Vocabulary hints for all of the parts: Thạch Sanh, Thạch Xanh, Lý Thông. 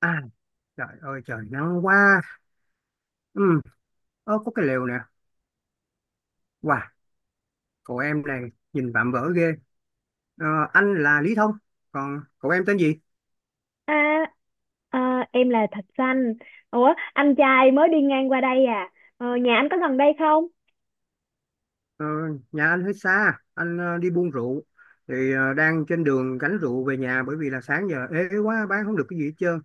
À, trời ơi trời nắng quá. ừ, Ơ, có cái lều nè. Wow, cậu em này nhìn vạm vỡ ghê. Ờ, Anh là Lý Thông. Còn cậu em tên gì? À, à, em là Thạch Xanh. Ủa, anh trai mới đi ngang qua đây à? Ờ, nhà anh có gần đây không? Ờ, Nhà anh hơi xa. Anh đi buôn rượu. Thì đang trên đường gánh rượu về nhà. Bởi vì là sáng giờ ế quá, bán không được cái gì hết trơn.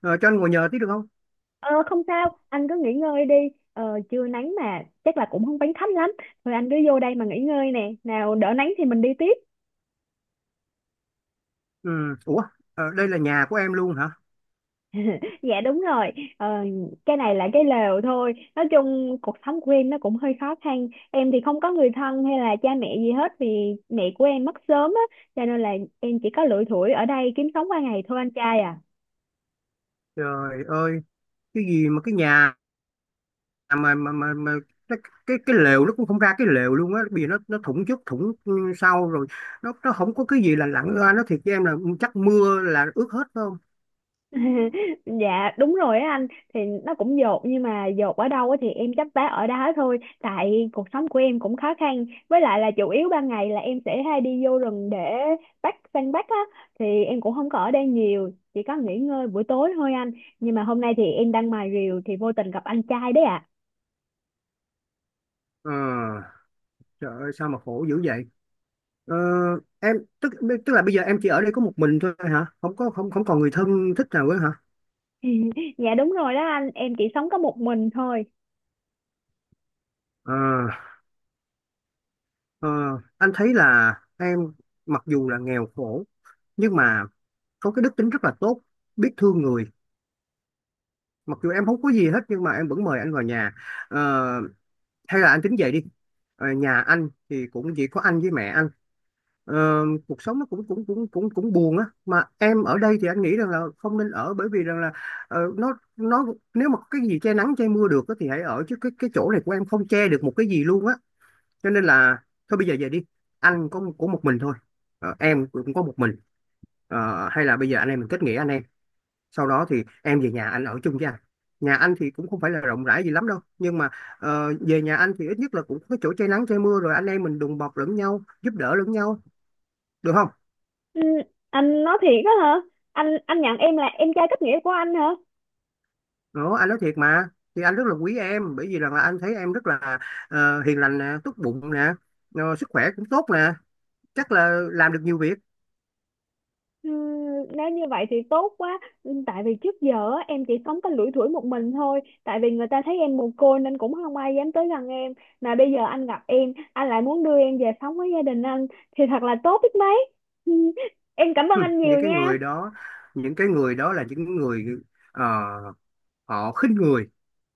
Cho anh ngồi nhờ tí được không? Ờ, không sao, anh cứ nghỉ ngơi đi. Ờ, trưa nắng mà, chắc là cũng không bánh thấp lắm. Thôi anh cứ vô đây mà nghỉ ngơi nè. Nào đỡ nắng thì mình đi tiếp. Ừ, ủa, đây là nhà của em luôn hả? Dạ đúng rồi, ờ, cái này là cái lều thôi. Nói chung cuộc sống của em nó cũng hơi khó khăn. Em thì không có người thân hay là cha mẹ gì hết, vì mẹ của em mất sớm á. Cho nên là em chỉ có lủi thủi ở đây kiếm sống qua ngày thôi anh trai à. Trời ơi, cái gì mà cái nhà. À, mà cái, cái lều nó cũng không ra cái lều luôn á, vì nó thủng trước thủng sau rồi, nó không có cái gì là lặn ra nó thiệt với em là, chắc mưa là ướt hết phải không? Dạ đúng rồi á anh, thì nó cũng dột, nhưng mà dột ở đâu á thì em chấp vá ở đó thôi, tại cuộc sống của em cũng khó khăn, với lại là chủ yếu ban ngày là em sẽ hay đi vô rừng để săn bắt á. Thì em cũng không có ở đây nhiều, chỉ có nghỉ ngơi buổi tối thôi anh. Nhưng mà hôm nay thì em đang mài rìu thì vô tình gặp anh trai đấy ạ. ờ Trời ơi, sao mà khổ dữ vậy? ờ, em tức, tức là bây giờ em chỉ ở đây có một mình thôi hả? Không có, không không còn người thân thích nào nữa hả? Dạ đúng rồi đó anh, em chỉ sống có một mình thôi. ờ ờ, anh thấy là em mặc dù là nghèo khổ nhưng mà có cái đức tính rất là tốt, biết thương người. Mặc dù em không có gì hết nhưng mà em vẫn mời anh vào nhà. Ờ, hay là anh tính về đi. Nhà anh thì cũng chỉ có anh với mẹ anh. ờ, Cuộc sống nó cũng cũng cũng cũng cũng buồn á. Mà em ở đây thì anh nghĩ rằng là không nên ở, bởi vì rằng là nó nếu mà cái gì che nắng che mưa được á, thì hãy ở, chứ cái chỗ này của em không che được một cái gì luôn á. Cho nên là thôi bây giờ về đi. Anh có một mình thôi. Em cũng có một mình. Ờ, hay là bây giờ anh em mình kết nghĩa anh em, sau đó thì em về nhà anh ở chung với anh. Nhà anh thì cũng không phải là rộng rãi gì lắm đâu, nhưng mà về nhà anh thì ít nhất là cũng có chỗ che nắng che mưa, rồi anh em mình đùm bọc lẫn nhau, giúp đỡ lẫn nhau, được không? Ừ, anh nói thiệt á hả? Anh nhận em là em trai kết nghĩa của anh hả? Đó, anh nói thiệt mà. Thì anh rất là quý em, bởi vì rằng là anh thấy em rất là hiền lành nè, tốt bụng nè, sức khỏe cũng tốt nè, chắc là làm được nhiều việc. Ừ, nếu như vậy thì tốt quá. Ừ, tại vì trước giờ á, em chỉ sống có lủi thủi một mình thôi. Tại vì người ta thấy em mồ côi nên cũng không ai dám tới gần em. Mà bây giờ anh gặp em, anh lại muốn đưa em về sống với gia đình anh. Thì thật là tốt biết mấy. Ừ, em cảm ơn Hừ, anh những nhiều cái nha. người đó, những cái người đó là những người ờ, họ khinh người,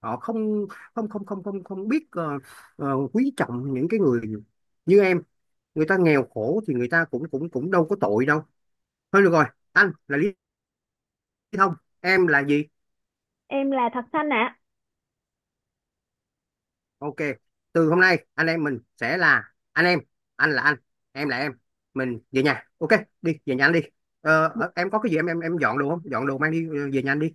họ không, không không không không không biết quý trọng những cái người như em. Người ta nghèo khổ thì người ta cũng cũng cũng đâu có tội đâu. Thôi được rồi, anh là Lý Thông, em là gì? Em là Thật Xanh ạ. Ok, từ hôm nay anh em mình sẽ là anh em. Anh là anh, em là em. Mình về nhà, ok? Đi về nhà anh đi. Ờ, em có cái gì em, em dọn đồ không? Dọn đồ mang đi, về nhà anh đi.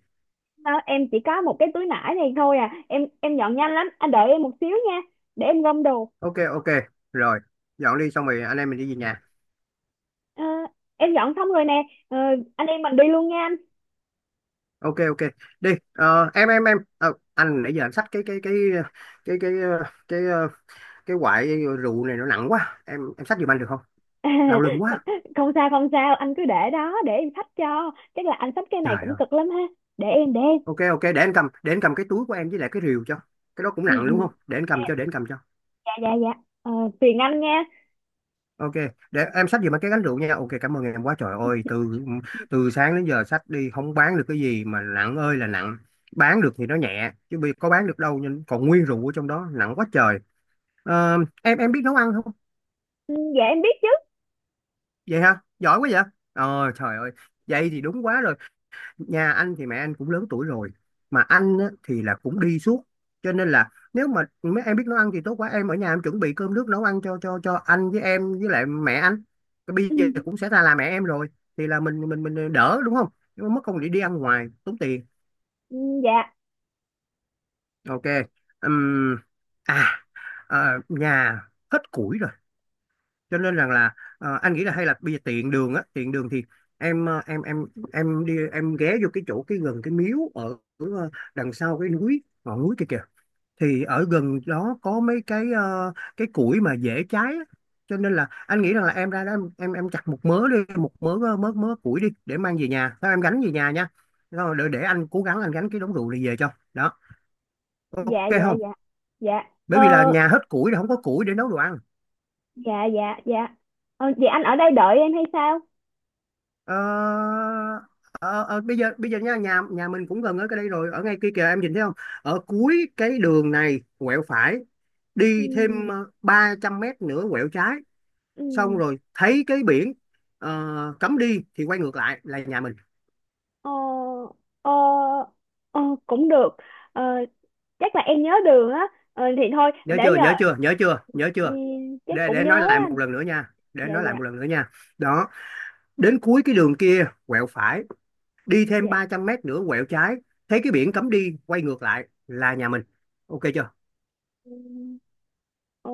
Ờ, em chỉ có một cái túi nải này thôi à. Em dọn nhanh lắm. Anh đợi em một xíu nha. Để em gom đồ. Ok ok, rồi, dọn đi xong rồi anh em mình đi về nhà. Ờ, em dọn xong rồi nè. Ờ, anh em mình đi luôn nha anh. Ok ok, đi. Ờ, em Ờ, anh nãy giờ anh xách cái cái cái ờ, cái quại rượu này nó nặng quá, em xách giùm anh được không? Không, Đau lưng quá, không sao không sao, anh cứ để đó để em xách cho. Chắc là anh xách cái này trời cũng ơi. cực lắm ha. Để em. Ok ok, để anh cầm, để anh cầm cái túi của em với lại cái rìu cho. Cái đó cũng Ừ, nặng đúng ừ, không? Để anh cầm cho, để anh cầm cho. dạ dạ dạ. Ờ, phiền anh nha. Ok, để em xách giùm anh cái gánh rượu nha. Ok, cảm ơn em quá. Trời ơi, từ từ sáng đến giờ xách đi không bán được cái gì mà nặng ơi là nặng. Bán được thì nó nhẹ chứ bây có bán được đâu, nhưng còn nguyên rượu ở trong đó nặng quá trời. Ờ, em biết nấu ăn không? Ừ, dạ em biết chứ. Vậy hả, giỏi quá vậy. Trời ơi, vậy thì đúng quá rồi. Nhà anh thì mẹ anh cũng lớn tuổi rồi, mà anh á, thì là cũng đi suốt. Cho nên là nếu mà mấy em biết nấu ăn thì tốt quá. Em ở nhà em chuẩn bị cơm nước nấu ăn cho anh với em với lại mẹ anh. Cái bây Ừ, giờ cũng sẽ ra là mẹ em rồi, thì là mình mình đỡ đúng không? Nhưng mà mất công đi đi ăn ngoài tốn tiền. ừ, dạ Ok. Ừm, à, À, nhà hết củi rồi. Cho nên rằng là anh nghĩ là hay là bây giờ tiện đường á, tiện đường thì em em em đi, em ghé vô cái chỗ cái gần cái miếu ở đằng sau cái núi ngọn núi kia kìa. Thì ở gần đó có mấy cái cái củi mà dễ cháy á. Cho nên là anh nghĩ rằng là em ra đó em chặt một mớ đi, một mớ mớ mớ củi đi để mang về nhà, sao em gánh về nhà nha. Rồi để anh cố gắng anh gánh cái đống rượu này về cho đó, ok dạ dạ không? dạ dạ. Ờ, Bởi vì là nhà hết củi rồi, không có củi để nấu đồ ăn. dạ dạ dạ. Ờ, vậy anh ở đây đợi em hay sao? Ờ, ờ, bây giờ, bây giờ nha, nhà nhà mình cũng gần ở cái đây rồi, ở ngay kia kìa, em nhìn thấy không? Ở cuối cái đường này quẹo phải, đi Ừ, thêm 300 mét nữa quẹo trái, xong ừ, rồi thấy cái biển cấm đi thì quay ngược lại là nhà mình. ờ, ờ, ờ, cũng được. Ờ, chắc là em nhớ đường á. Ờ, thì thôi để giờ. Nhớ Ừ, chưa? chắc cũng Để nói nhớ lại anh. một lần nữa nha, để Dạ nói lại dạ một lần nữa nha đó, đến cuối cái đường kia quẹo phải, đi thêm dạ. 300 mét nữa quẹo trái, thấy cái biển cấm đi quay ngược lại là nhà mình. Ok chưa? Ừ. Ờ,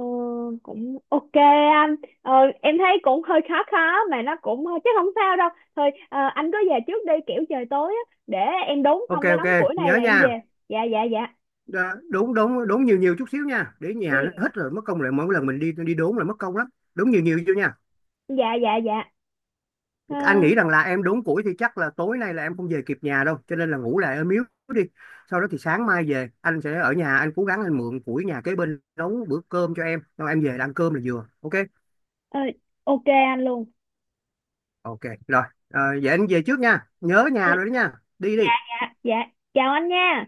cũng ok anh. ờ, em thấy cũng hơi khó khó, mà nó cũng chắc không sao đâu. Thôi anh cứ về trước đi, kiểu trời tối á, để em đốn Ok xong cái ok, đống củi này nhớ là em nha. về. Dạ dạ dạ. Đúng, đúng nhiều nhiều chút xíu nha, để Ừ, nhà nó hết rồi mất công, lại mỗi lần mình đi đi đốn là mất công lắm. Đúng nhiều nhiều vô nha. dạ dạ dạ. Ờ, Anh nghĩ rằng là em đốn củi thì chắc là tối nay là em không về kịp nhà đâu, cho nên là ngủ lại ở miếu đi. Sau đó thì sáng mai về, anh sẽ ở nhà anh cố gắng anh mượn củi nhà kế bên nấu bữa cơm cho em, xong em về là ăn cơm là vừa, ok? ờ, ok anh luôn. Ok rồi. Ờ, vậy anh về trước nha, nhớ Ờ, nhà rồi đó nha. Đi đi. dạ dạ. Chào anh nha.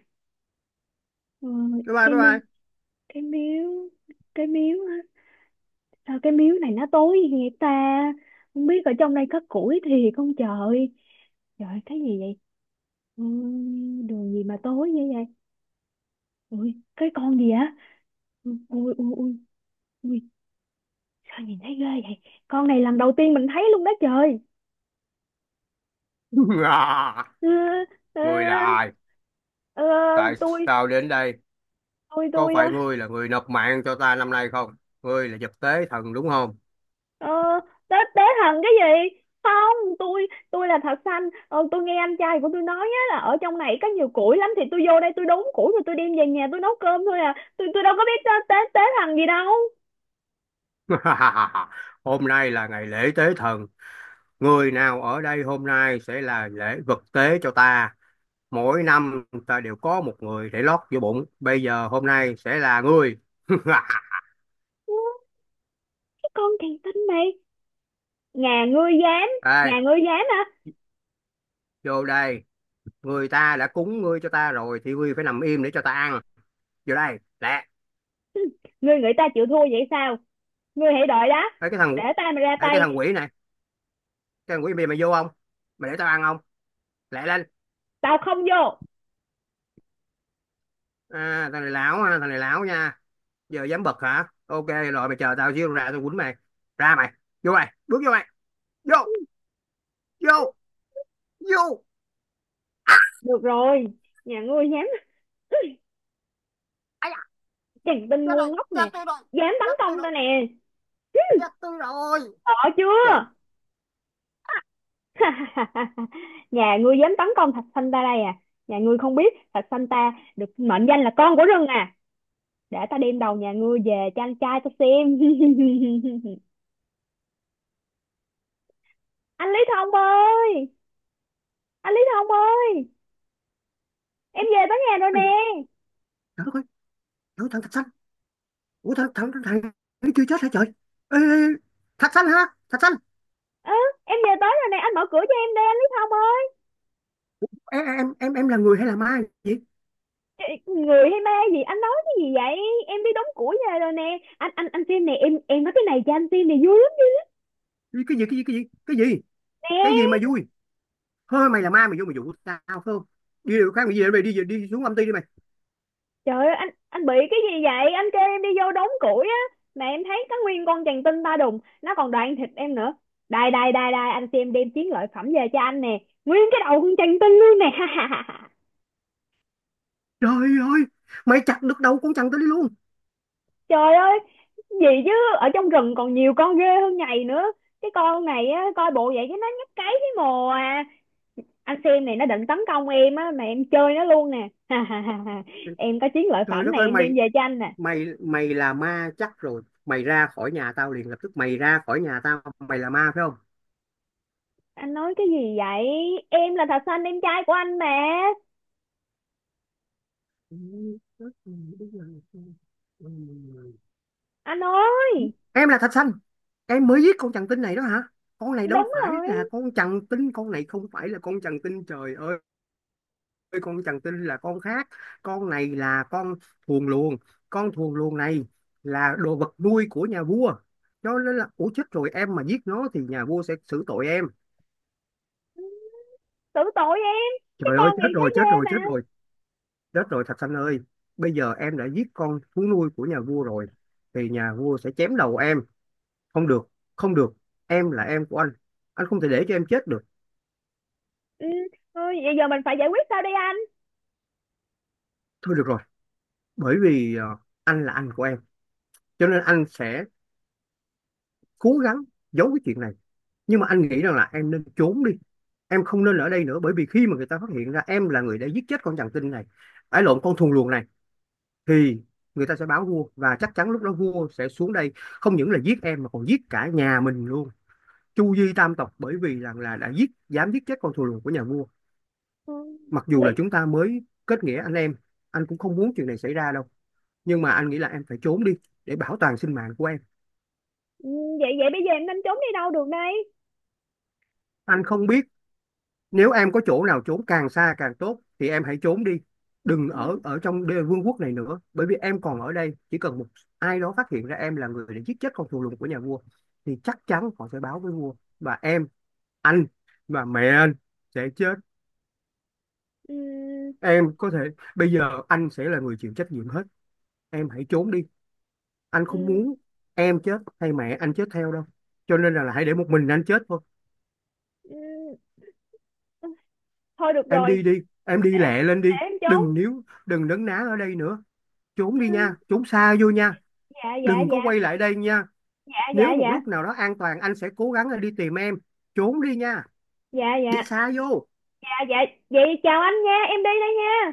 Ờ, Bye bye, cái bye miếu, bye. cái miếu, cái miếu á. Sao cái miếu này nó tối vậy ta? Không biết ở trong đây có củi thiệt không trời. Trời, cái gì vậy? Ừ, đường gì mà tối như vậy. Ui, cái con gì á? Ui, ui, ui, ui, ui, sao nhìn thấy ghê vậy? Con này lần đầu tiên mình thấy luôn đó trời. À, Ờ, ờ, ngươi là ai? ờ, Tại tôi, sao đến đây? tôi, Có tôi, phải ngươi là người nộp mạng cho ta năm nay không? Ngươi là vật tế thần đúng không? ờ, tế thần cái gì? Không, tôi là thật xanh. Ờ, tôi nghe anh trai của tôi nói á là ở trong này có nhiều củi lắm, thì tôi vô đây tôi đốn củi rồi tôi đem về nhà tôi nấu cơm thôi à. Tôi đâu có biết tế thần gì đâu. Hôm nay là ngày lễ tế thần, người nào ở đây hôm nay sẽ là lễ vật tế cho ta. Mỗi năm ta đều có một người để lót vô bụng, bây giờ hôm nay sẽ là ngươi. Cái con kỳ tinh này, nhà ngươi dám, Đây, nhà ngươi dám hả? vô đây, người ta đã cúng ngươi cho ta rồi thì ngươi phải nằm im để cho ta ăn. Vô đây, lẹ. Ngươi nghĩ ta chịu thua vậy sao? Ngươi hãy đợi đó, Ê, cái thằng, để ta mà ra ê, cái tay. thằng quỷ này, cái thằng quỷ, mày mày vô không? Mày để tao ăn không? Lẹ lên. Tao không vô. À, thằng này lão ha, thằng này lão nha. Giờ dám bật hả? Ok rồi, mày chờ tao xíu, ra tao quýnh mày. Ra mày, vô mày, bước vô mày, vô, vô, vô. Được rồi, nhà ngươi dám! Ai Chàng tinh da, ngu ngốc nè, chết rồi, dám tấn chết tôi công ta rồi, nè. chết tôi rồi, chết tôi rồi. Sợ Trời. chưa? Nhà ngươi dám tấn công thạch sanh ta đây à? Nhà ngươi không biết thạch sanh ta được mệnh danh là con của rừng à? Để ta đem đầu nhà ngươi về cho anh trai ta xem. Anh Lý Thông ơi! Anh Lý Thông ơi! Em về tới nhà rồi nè. Ây, trời ơi, trời, thằng Thạch Xanh. Ủa thằng thằng thằng thằng nó chưa chết hả trời? Ê, Thạch Xanh hả, Thạch Xanh? Ừ, em về tới rồi nè, anh mở cửa cho em đi, anh Lý Thông ơi. Em là người hay là ma vậy? Người hay ma gì, anh nói cái gì vậy? Em đi đóng củi về rồi nè anh, anh xem nè. Em nói cái này cho anh xem này, vui lắm Cái gì? Cái gì nè. mà vui? Thôi mày là ma, mày vô mày dụ tao phải không? Đi điều khác, mày về, mày đi, đi xuống âm ty đi mày. Trời ơi anh bị cái gì vậy? Anh kêu em đi vô đóng củi á, mà em thấy có nguyên con chằn tinh ba đùng, nó còn đoạn thịt em nữa. Đây đây đây đây, anh xem, đem chiến lợi phẩm về cho anh nè, nguyên cái đầu con chằn tinh luôn nè. Trời ơi, mày chặt được đầu con chằn tới đi luôn. Trời ơi, gì chứ. Ở trong rừng còn nhiều con ghê hơn nhầy nữa. Cái con này á, coi bộ vậy chứ nó nhấp cái mồ à. Anh xem này, nó định tấn công em á mà em chơi nó luôn nè. Em có chiến lợi Trời phẩm đất này, ơi em mày, đem về cho anh nè. mày là ma chắc rồi, mày ra khỏi nhà tao liền lập tức, mày ra khỏi nhà tao, mày là ma phải không? Anh nói cái gì vậy? Em là thạch xanh, em trai của anh mà. Anh ơi! Em là Thạch Xanh? Em mới giết con chằn tinh này đó hả? Con này đâu Đúng phải rồi. là con chằn tinh, con này không phải là con chằn tinh, trời ơi. Con chằn tinh là con khác, con này là con thuồng luồng. Con thuồng luồng này là đồ vật nuôi của nhà vua, cho nên là ủa chết rồi, em mà giết nó thì nhà vua sẽ xử tội em. Tưởng tội em, cái Trời ơi con chết này thấy rồi, ghê chết rồi, mà. chết rồi. Chết rồi Thạch Sanh ơi, bây giờ em đã giết con thú nuôi của nhà vua rồi, thì nhà vua sẽ chém đầu em. Không được, không được, em là em của anh. Anh không thể để cho em chết được. Ừ, thôi vậy giờ mình phải giải quyết sao đây anh? Thôi được rồi, bởi vì anh là anh của em, cho nên anh sẽ cố gắng giấu cái chuyện này. Nhưng mà anh nghĩ rằng là em nên trốn đi. Em không nên ở đây nữa, bởi vì khi mà người ta phát hiện ra em là người đã giết chết con chằn tinh này, ái lộn con thù luồng này, thì người ta sẽ báo vua và chắc chắn lúc đó vua sẽ xuống đây không những là giết em mà còn giết cả nhà mình luôn. Chu Di Tam Tộc, bởi vì rằng là đã giết, dám giết chết con thù lùn của nhà vua. Ừ, Mặc dù là vậy. chúng ta mới kết nghĩa anh em, anh cũng không muốn chuyện này xảy ra đâu, nhưng mà anh nghĩ là em phải trốn đi để bảo toàn sinh mạng của em. Ừ, vậy vậy bây giờ em nên trốn đi đâu được đây? Anh không biết, nếu em có chỗ nào trốn càng xa càng tốt thì em hãy trốn đi, đừng Ừ, ở, trong đê vương quốc này nữa. Bởi vì em còn ở đây chỉ cần một ai đó phát hiện ra em là người đã giết chết con thù lùn của nhà vua thì chắc chắn họ sẽ báo với vua, và em, anh và mẹ anh sẽ chết. ừ, Em có thể, bây giờ anh sẽ là người chịu trách nhiệm hết. Em hãy trốn đi. Anh không ừ, muốn em chết hay mẹ anh chết theo đâu. Cho nên là hãy để một mình anh chết thôi. ừ. Thôi được Em rồi. đi đi, em để đi lẹ lên để đi. em trốn. Đừng níu, đừng nấn ná ở đây nữa. Trốn đi Ừ, nha, trốn xa vô nha. dạ dạ Đừng có dạ quay lại đây nha. dạ dạ Nếu một dạ lúc nào đó an toàn anh sẽ cố gắng đi tìm em. Trốn đi nha, dạ đi dạ xa vô. dạ dạ. Vậy chào anh nha, em đi đây nha.